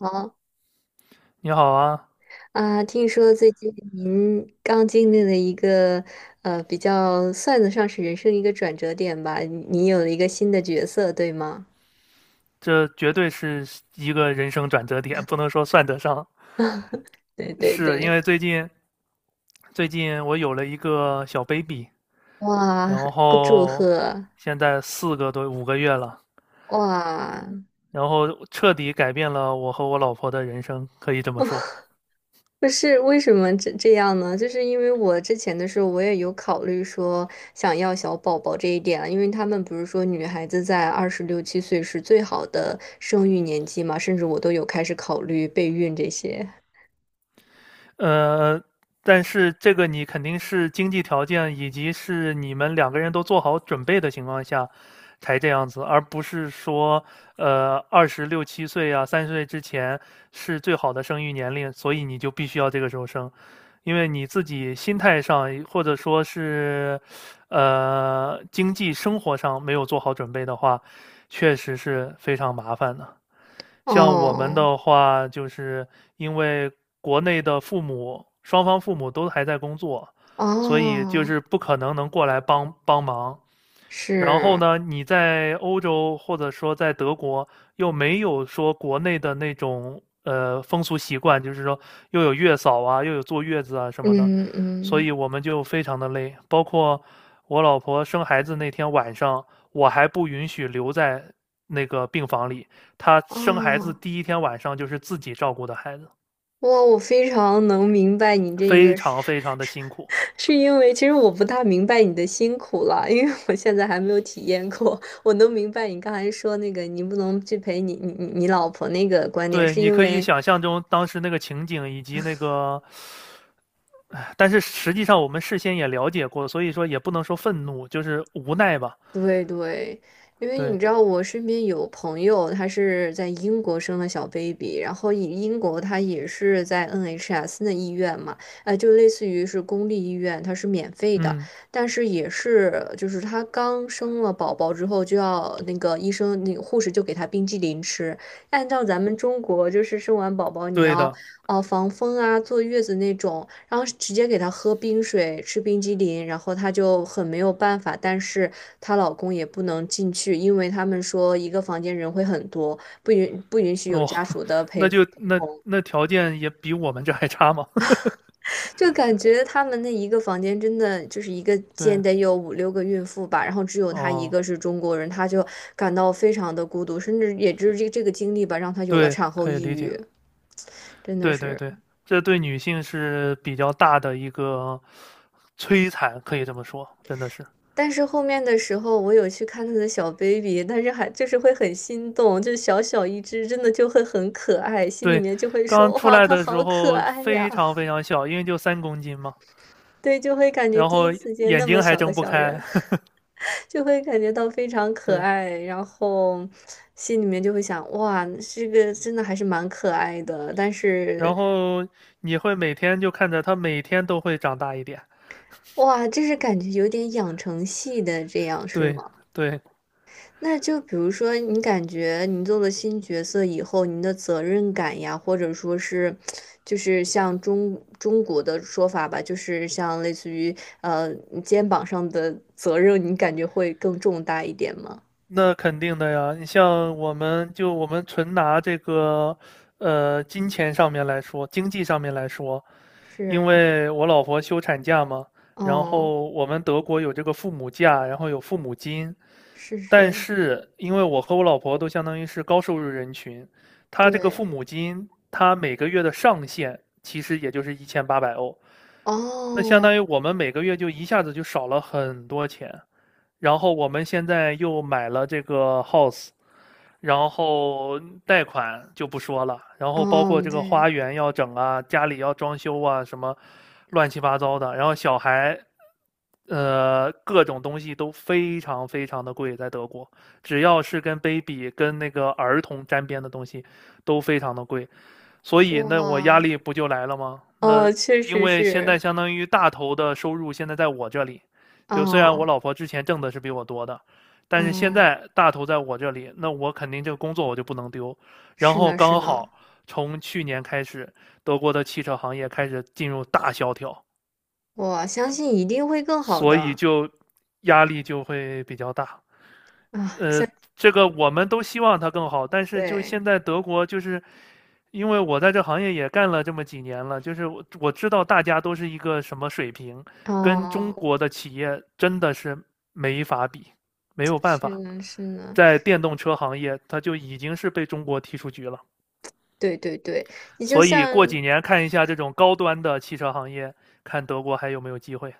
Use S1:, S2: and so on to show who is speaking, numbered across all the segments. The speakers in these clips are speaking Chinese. S1: 好
S2: 你好啊。
S1: 啊，听说最近您刚经历了一个比较算得上是人生一个转折点吧，你有了一个新的角色，对吗？
S2: 这绝对是一个人生转折点，不能说算得上，
S1: 对对
S2: 是因
S1: 对，
S2: 为最近我有了一个小 baby，
S1: 哇，
S2: 然
S1: 祝
S2: 后
S1: 贺！
S2: 现在4个多5个月了，
S1: 哇，
S2: 然后彻底改变了我和我老婆的人生，可以这么说。
S1: 不是为什么这样呢？就是因为我之前的时候，我也有考虑说想要小宝宝这一点啊，因为他们不是说女孩子在26、7岁是最好的生育年纪嘛，甚至我都有开始考虑备孕这些。
S2: 呃，但是这个你肯定是经济条件以及是你们两个人都做好准备的情况下才这样子，而不是说26、7岁啊30岁之前是最好的生育年龄，所以你就必须要这个时候生。因为你自己心态上或者说是经济生活上没有做好准备的话，确实是非常麻烦的。像我们
S1: 哦。
S2: 的话，就是因为国内的父母，双方父母都还在工作，所以就
S1: 哦，
S2: 是不可能能过来帮帮忙。然后
S1: 是，
S2: 呢，你在欧洲或者说在德国又没有说国内的那种风俗习惯，就是说又有月嫂啊，又有坐月子啊什么的，
S1: 嗯
S2: 所以
S1: 嗯，
S2: 我们就非常的累。包括我老婆生孩子那天晚上，我还不允许留在那个病房里，她生孩子
S1: 哦，
S2: 第一天晚上就是自己照顾的孩子，
S1: 哇，我非常能明白你这
S2: 非
S1: 个是，
S2: 常非常的辛苦。
S1: 是因为其实我不大明白你的辛苦了，因为我现在还没有体验过。我能明白你刚才说那个你不能去陪你老婆那个观点，
S2: 对，
S1: 是
S2: 你
S1: 因
S2: 可以
S1: 为。
S2: 想象中当时那个情景以及那个，唉但是实际上我们事先也了解过，所以说也不能说愤怒，就是无奈吧。
S1: 对对，因为
S2: 对。
S1: 你知道，我身边有朋友，他是在英国生了小 baby，然后以英国他也是在 NHS 的医院嘛，就类似于是公立医院，它是免费的，
S2: 嗯。
S1: 但是也是就是他刚生了宝宝之后，就要那个医生那个护士就给他冰激凌吃，按照咱们中国就是生完宝宝你
S2: 对
S1: 要
S2: 的。
S1: 哦，防风啊，坐月子那种，然后直接给她喝冰水，吃冰激凌，然后她就很没有办法。但是她老公也不能进去，因为他们说一个房间人会很多，不允许有
S2: 哦，
S1: 家属 的
S2: 那
S1: 陪，
S2: 就那条件也比我们这还差吗？
S1: 就感觉他们那一个房间真的就是一个间
S2: 对。
S1: 得有5、6个孕妇吧，然后只有她一
S2: 哦。
S1: 个是中国人，她就感到非常的孤独，甚至也就是这个经历吧，让她有了
S2: 对，
S1: 产后
S2: 可以
S1: 抑
S2: 理解。
S1: 郁，真的
S2: 对对
S1: 是。
S2: 对，这对女性是比较大的一个摧残，可以这么说，真的是。
S1: 但是后面的时候，我有去看他的小 baby，但是还就是会很心动，就小小一只，真的就会很可爱，心里
S2: 对，
S1: 面就会说：
S2: 刚出
S1: “哇，
S2: 来
S1: 他
S2: 的时
S1: 好可
S2: 候
S1: 爱
S2: 非
S1: 呀！”
S2: 常非常小，因为就3公斤嘛。
S1: 对，就会感觉
S2: 然
S1: 第
S2: 后
S1: 一次见
S2: 眼
S1: 那么
S2: 睛还
S1: 小的
S2: 睁不
S1: 小人，
S2: 开。
S1: 就会感觉到非常可
S2: 对。
S1: 爱，然后心里面就会想：“哇，这个真的还是蛮可爱的。”但
S2: 然
S1: 是，
S2: 后你会每天就看着它每天都会长大一点。
S1: 哇，这是感觉有点养成系的，这样是
S2: 对
S1: 吗？
S2: 对，
S1: 那就比如说，你感觉你做了新角色以后，您的责任感呀，或者说是，就是像中国的说法吧，就是像类似于呃肩膀上的责任，你感觉会更重大一点吗？
S2: 那肯定的呀，你像我们就我们纯拿这个，金钱上面来说，经济上面来说，因
S1: 是，
S2: 为我老婆休产假嘛，然
S1: 嗯，
S2: 后我们德国有这个父母假，然后有父母金。
S1: 是
S2: 但
S1: 是，
S2: 是因为我和我老婆都相当于是高收入人群，她这个父
S1: 对，
S2: 母金，她每个月的上限其实也就是1800欧，那相
S1: 哦，
S2: 当于我们每个月就一下子就少了很多钱。然后我们现在又买了这个 house，然后贷款就不说了，然后包括
S1: 嗯，
S2: 这个花
S1: 对，
S2: 园要整啊，家里要装修啊，什么乱七八糟的，然后小孩各种东西都非常非常的贵。在德国，只要是跟 baby 跟那个儿童沾边的东西都非常的贵，所以那我压
S1: 哇，
S2: 力不就来了吗？
S1: 哦，
S2: 那
S1: 确
S2: 因
S1: 实
S2: 为现在
S1: 是，
S2: 相当于大头的收入现在在我这里，就虽然我
S1: 嗯
S2: 老婆之前挣的是比我多的，但是现
S1: 嗯，
S2: 在大头在我这里，那我肯定这个工作我就不能丢。然
S1: 是
S2: 后
S1: 呢是
S2: 刚
S1: 呢，
S2: 好从去年开始，德国的汽车行业开始进入大萧条，
S1: 我相信一定会更好
S2: 所以
S1: 的
S2: 就压力就会比较大。
S1: 啊，
S2: 呃，
S1: 相
S2: 这个我们都希望它更好，但是就现
S1: 对。
S2: 在德国就是，因为我在这行业也干了这么几年了，就是我知道大家都是一个什么水平，跟中
S1: 哦，
S2: 国的企业真的是没法比，没有办
S1: 是
S2: 法。
S1: 呢，是呢，
S2: 在电动车行业它就已经是被中国踢出局了，
S1: 对对对，你就
S2: 所以
S1: 像，
S2: 过几年看一下这种高端的汽车行业，看德国还有没有机会。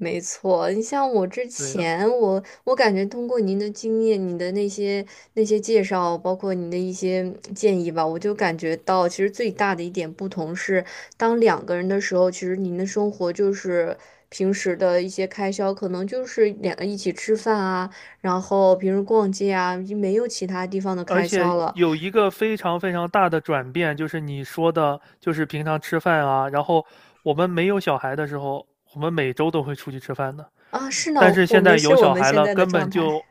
S1: 没错，你像我之
S2: 对的。
S1: 前，我感觉通过您的经验，你的那些介绍，包括您的一些建议吧，我就感觉到，其实最大的一点不同是，当两个人的时候，其实您的生活就是平时的一些开销，可能就是两个一起吃饭啊，然后平时逛街啊，已经没有其他地方的
S2: 而
S1: 开
S2: 且
S1: 销了
S2: 有一个非常非常大的转变，就是你说的，就是平常吃饭啊，然后我们没有小孩的时候，我们每周都会出去吃饭的，
S1: 啊。是
S2: 但
S1: 呢，
S2: 是
S1: 我
S2: 现在
S1: 们是
S2: 有
S1: 我
S2: 小
S1: 们
S2: 孩
S1: 现
S2: 了，
S1: 在的
S2: 根
S1: 状
S2: 本就
S1: 态。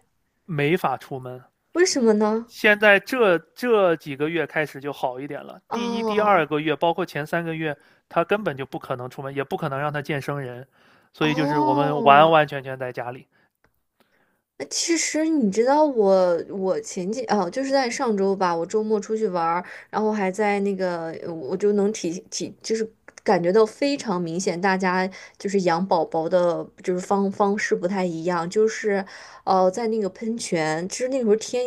S2: 没法出门。
S1: 为什么呢？
S2: 现在这几个月开始就好一点了，第一、第
S1: 哦
S2: 二个月，包括前3个月，他根本就不可能出门，也不可能让他见生人，所以就是我们完
S1: 哦，
S2: 完全全在家里，
S1: 其实你知道我，我哦，就是在上周吧，我周末出去玩儿，然后还在那个，我就能就是感觉到非常明显，大家就是养宝宝的，就是方式不太一样，就是哦在那个喷泉，其实那时候天，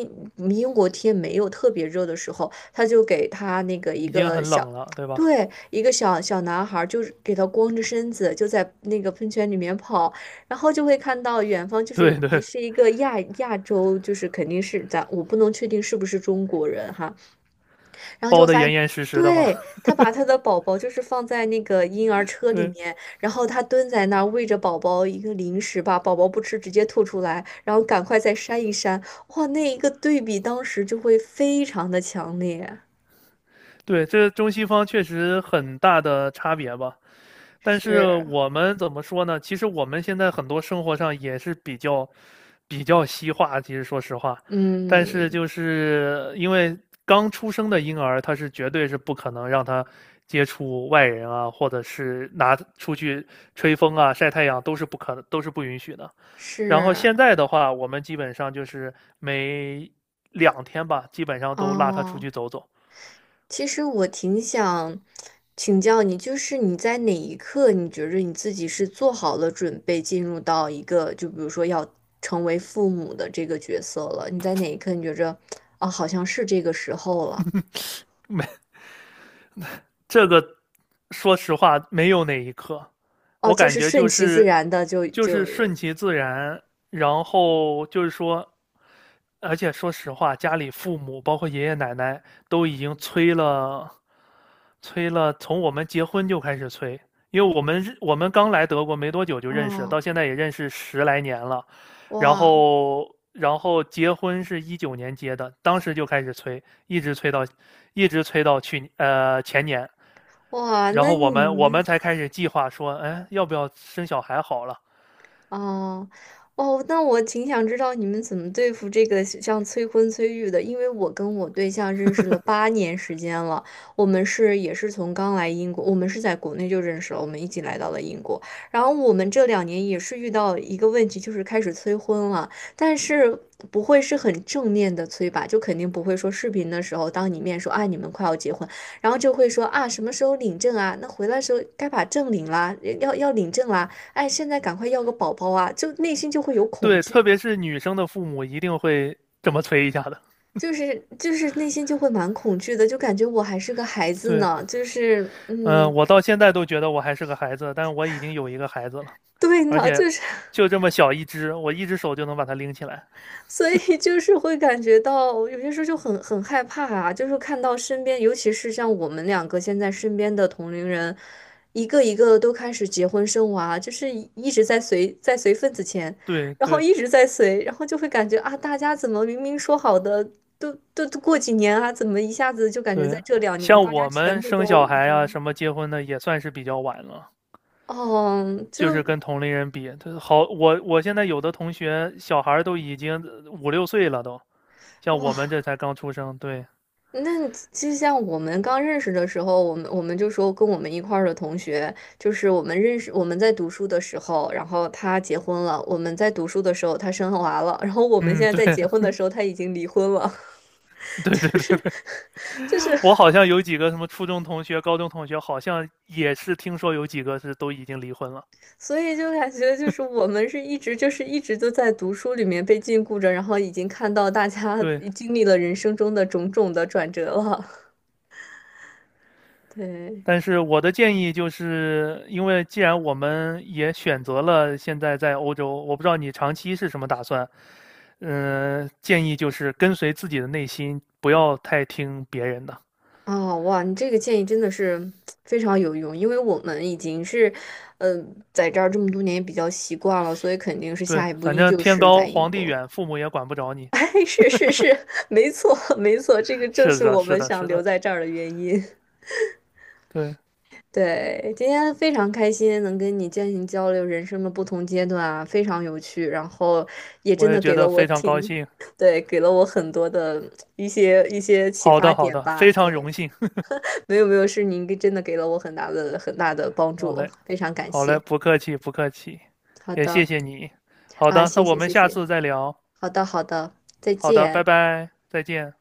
S1: 英国天没有特别热的时候，他就给他那个一
S2: 已经
S1: 个
S2: 很
S1: 小。
S2: 冷了，对吧？
S1: 对，一个小小男孩儿，就是给他光着身子，就在那个喷泉里面跑，然后就会看到远方就 是
S2: 对
S1: 也
S2: 对，
S1: 是一个亚洲，就是肯定是咱我不能确定是不是中国人哈，然后就
S2: 包
S1: 会
S2: 得
S1: 发现，
S2: 严严实实的嘛，
S1: 对，他把他的宝宝就是放在那个婴儿 车里
S2: 对。
S1: 面，然后他蹲在那儿喂着宝宝一个零食吧，宝宝不吃直接吐出来，然后赶快再扇一扇，哇，那一个对比当时就会非常的强烈，
S2: 对，这中西方确实很大的差别吧。但是
S1: 是，
S2: 我们怎么说呢？其实我们现在很多生活上也是比较西化，其实说实话。但是
S1: 嗯，
S2: 就是因为刚出生的婴儿，他是绝对是不可能让他接触外人啊，或者是拿出去吹风啊、晒太阳都是不允许的。然后
S1: 是，
S2: 现在的话，我们基本上就是每2天吧，基本上都拉他出
S1: 哦。
S2: 去走走。
S1: 其实我挺想请教你，就是你在哪一刻，你觉着你自己是做好了准备进入到一个，就比如说要成为父母的这个角色了？你在哪一刻你觉着，啊，好像是这个时候了，
S2: 这个说实话没有哪一刻，
S1: 哦，
S2: 我
S1: 就
S2: 感
S1: 是
S2: 觉
S1: 顺
S2: 就
S1: 其自
S2: 是
S1: 然的就
S2: 就
S1: 就，
S2: 是顺其自然，然后就是说，而且说实话，家里父母包括爷爷奶奶都已经催了，催了，从我们结婚就开始催，因为我们刚来德国没多久就认识，
S1: 哦，
S2: 到现在也认识十来年了，然
S1: 哇
S2: 后然后结婚是19年结的，当时就开始催，一直催到前年，
S1: 哇，
S2: 然
S1: 那
S2: 后我们我
S1: 你。
S2: 们才开始计划说，哎，要不要生小孩好了？
S1: 哦，哦，那我挺想知道你们怎么对付这个像催婚催育的，因为我跟我对象认识了8年时间了，我们是也是从刚来英国，我们是在国内就认识了，我们一起来到了英国，然后我们这两年也是遇到一个问题，就是开始催婚了，但是不会是很正面的催吧，就肯定不会说视频的时候当你面说啊你们快要结婚，然后就会说啊什么时候领证啊，那回来的时候该把证领啦，要领证啦。哎，现在赶快要个宝宝啊，就内心就会有恐
S2: 对，
S1: 惧，
S2: 特别是女生的父母一定会这么催一下的
S1: 就是内心就会蛮恐惧的，就感觉我还是个孩 子
S2: 对。
S1: 呢，就是嗯，
S2: 我到现在都觉得我还是个孩子，但我已经有一个孩子了，
S1: 对
S2: 而
S1: 呢，
S2: 且
S1: 就是
S2: 就这么小一只，我一只手就能把它拎起来。
S1: 所以 就是会感觉到有些时候就很害怕啊，就是看到身边，尤其是像我们两个现在身边的同龄人，一个一个都开始结婚生娃，就是一直在随份子钱，
S2: 对
S1: 然后
S2: 对
S1: 一直在随，然后就会感觉啊，大家怎么明明说好的都过几年啊，怎么一下子就感觉在
S2: 对，
S1: 这两年
S2: 像
S1: 大家
S2: 我
S1: 全
S2: 们
S1: 部
S2: 生
S1: 都
S2: 小
S1: 已
S2: 孩啊，
S1: 经，
S2: 什么结婚的也算是比较晚了。
S1: 哦，
S2: 就是
S1: 就
S2: 跟同龄人比，他好，我现在有的同学小孩都已经5、6岁了都，像
S1: 哇，
S2: 我们这才刚出生。对。
S1: 那就像我们刚认识的时候，我们就说跟我们一块儿的同学，就是我们认识我们在读书的时候，然后他结婚了；我们在读书的时候，他生娃了；然后我们现
S2: 嗯。
S1: 在
S2: 对。
S1: 在结婚的时候，他已经离婚了。
S2: 对对对，
S1: 就是，
S2: 我好像有几个什么初中同学、高中同学，好像也是听说有几个是都已经离婚了。
S1: 所以就感觉就是我们是一直就是一直都在读书里面被禁锢着，然后已经看到大家
S2: 对，
S1: 经历了人生中的种种的转折了。对，
S2: 但是我的建议就是，因为既然我们也选择了现在在欧洲，我不知道你长期是什么打算。建议就是跟随自己的内心，不要太听别人的。
S1: 哦，哇，你这个建议真的是非常有用，因为我们已经是，嗯、在这儿这么多年也比较习惯了，所以肯定是
S2: 对，
S1: 下一步
S2: 反
S1: 依
S2: 正
S1: 旧
S2: 天
S1: 是在
S2: 高
S1: 英
S2: 皇帝
S1: 国。
S2: 远，父母也管不着 你。
S1: 哎，是是是，没错没错，这个 正
S2: 是
S1: 是
S2: 的，
S1: 我
S2: 是
S1: 们
S2: 的，
S1: 想
S2: 是
S1: 留
S2: 的。
S1: 在这儿的原因。
S2: 对，
S1: 对，今天非常开心能跟你进行交流人生的不同阶段啊，非常有趣，然后也
S2: 我
S1: 真
S2: 也
S1: 的
S2: 觉
S1: 给了
S2: 得
S1: 我
S2: 非常高
S1: 挺，
S2: 兴。
S1: 对，给了我很多的一些启
S2: 好
S1: 发
S2: 的，好
S1: 点
S2: 的，
S1: 吧，
S2: 非常
S1: 对。
S2: 荣幸。
S1: 没有没有，是您给真的给了我很大的很大的帮
S2: 好
S1: 助，
S2: 嘞，
S1: 非常感
S2: 好嘞，
S1: 谢。
S2: 不客气，不客气，
S1: 好
S2: 也谢
S1: 的
S2: 谢你。好
S1: 啊，
S2: 的，那
S1: 谢
S2: 我
S1: 谢
S2: 们
S1: 谢
S2: 下
S1: 谢。
S2: 次再聊。
S1: 好的好的，再
S2: 好的，拜
S1: 见。
S2: 拜，再见。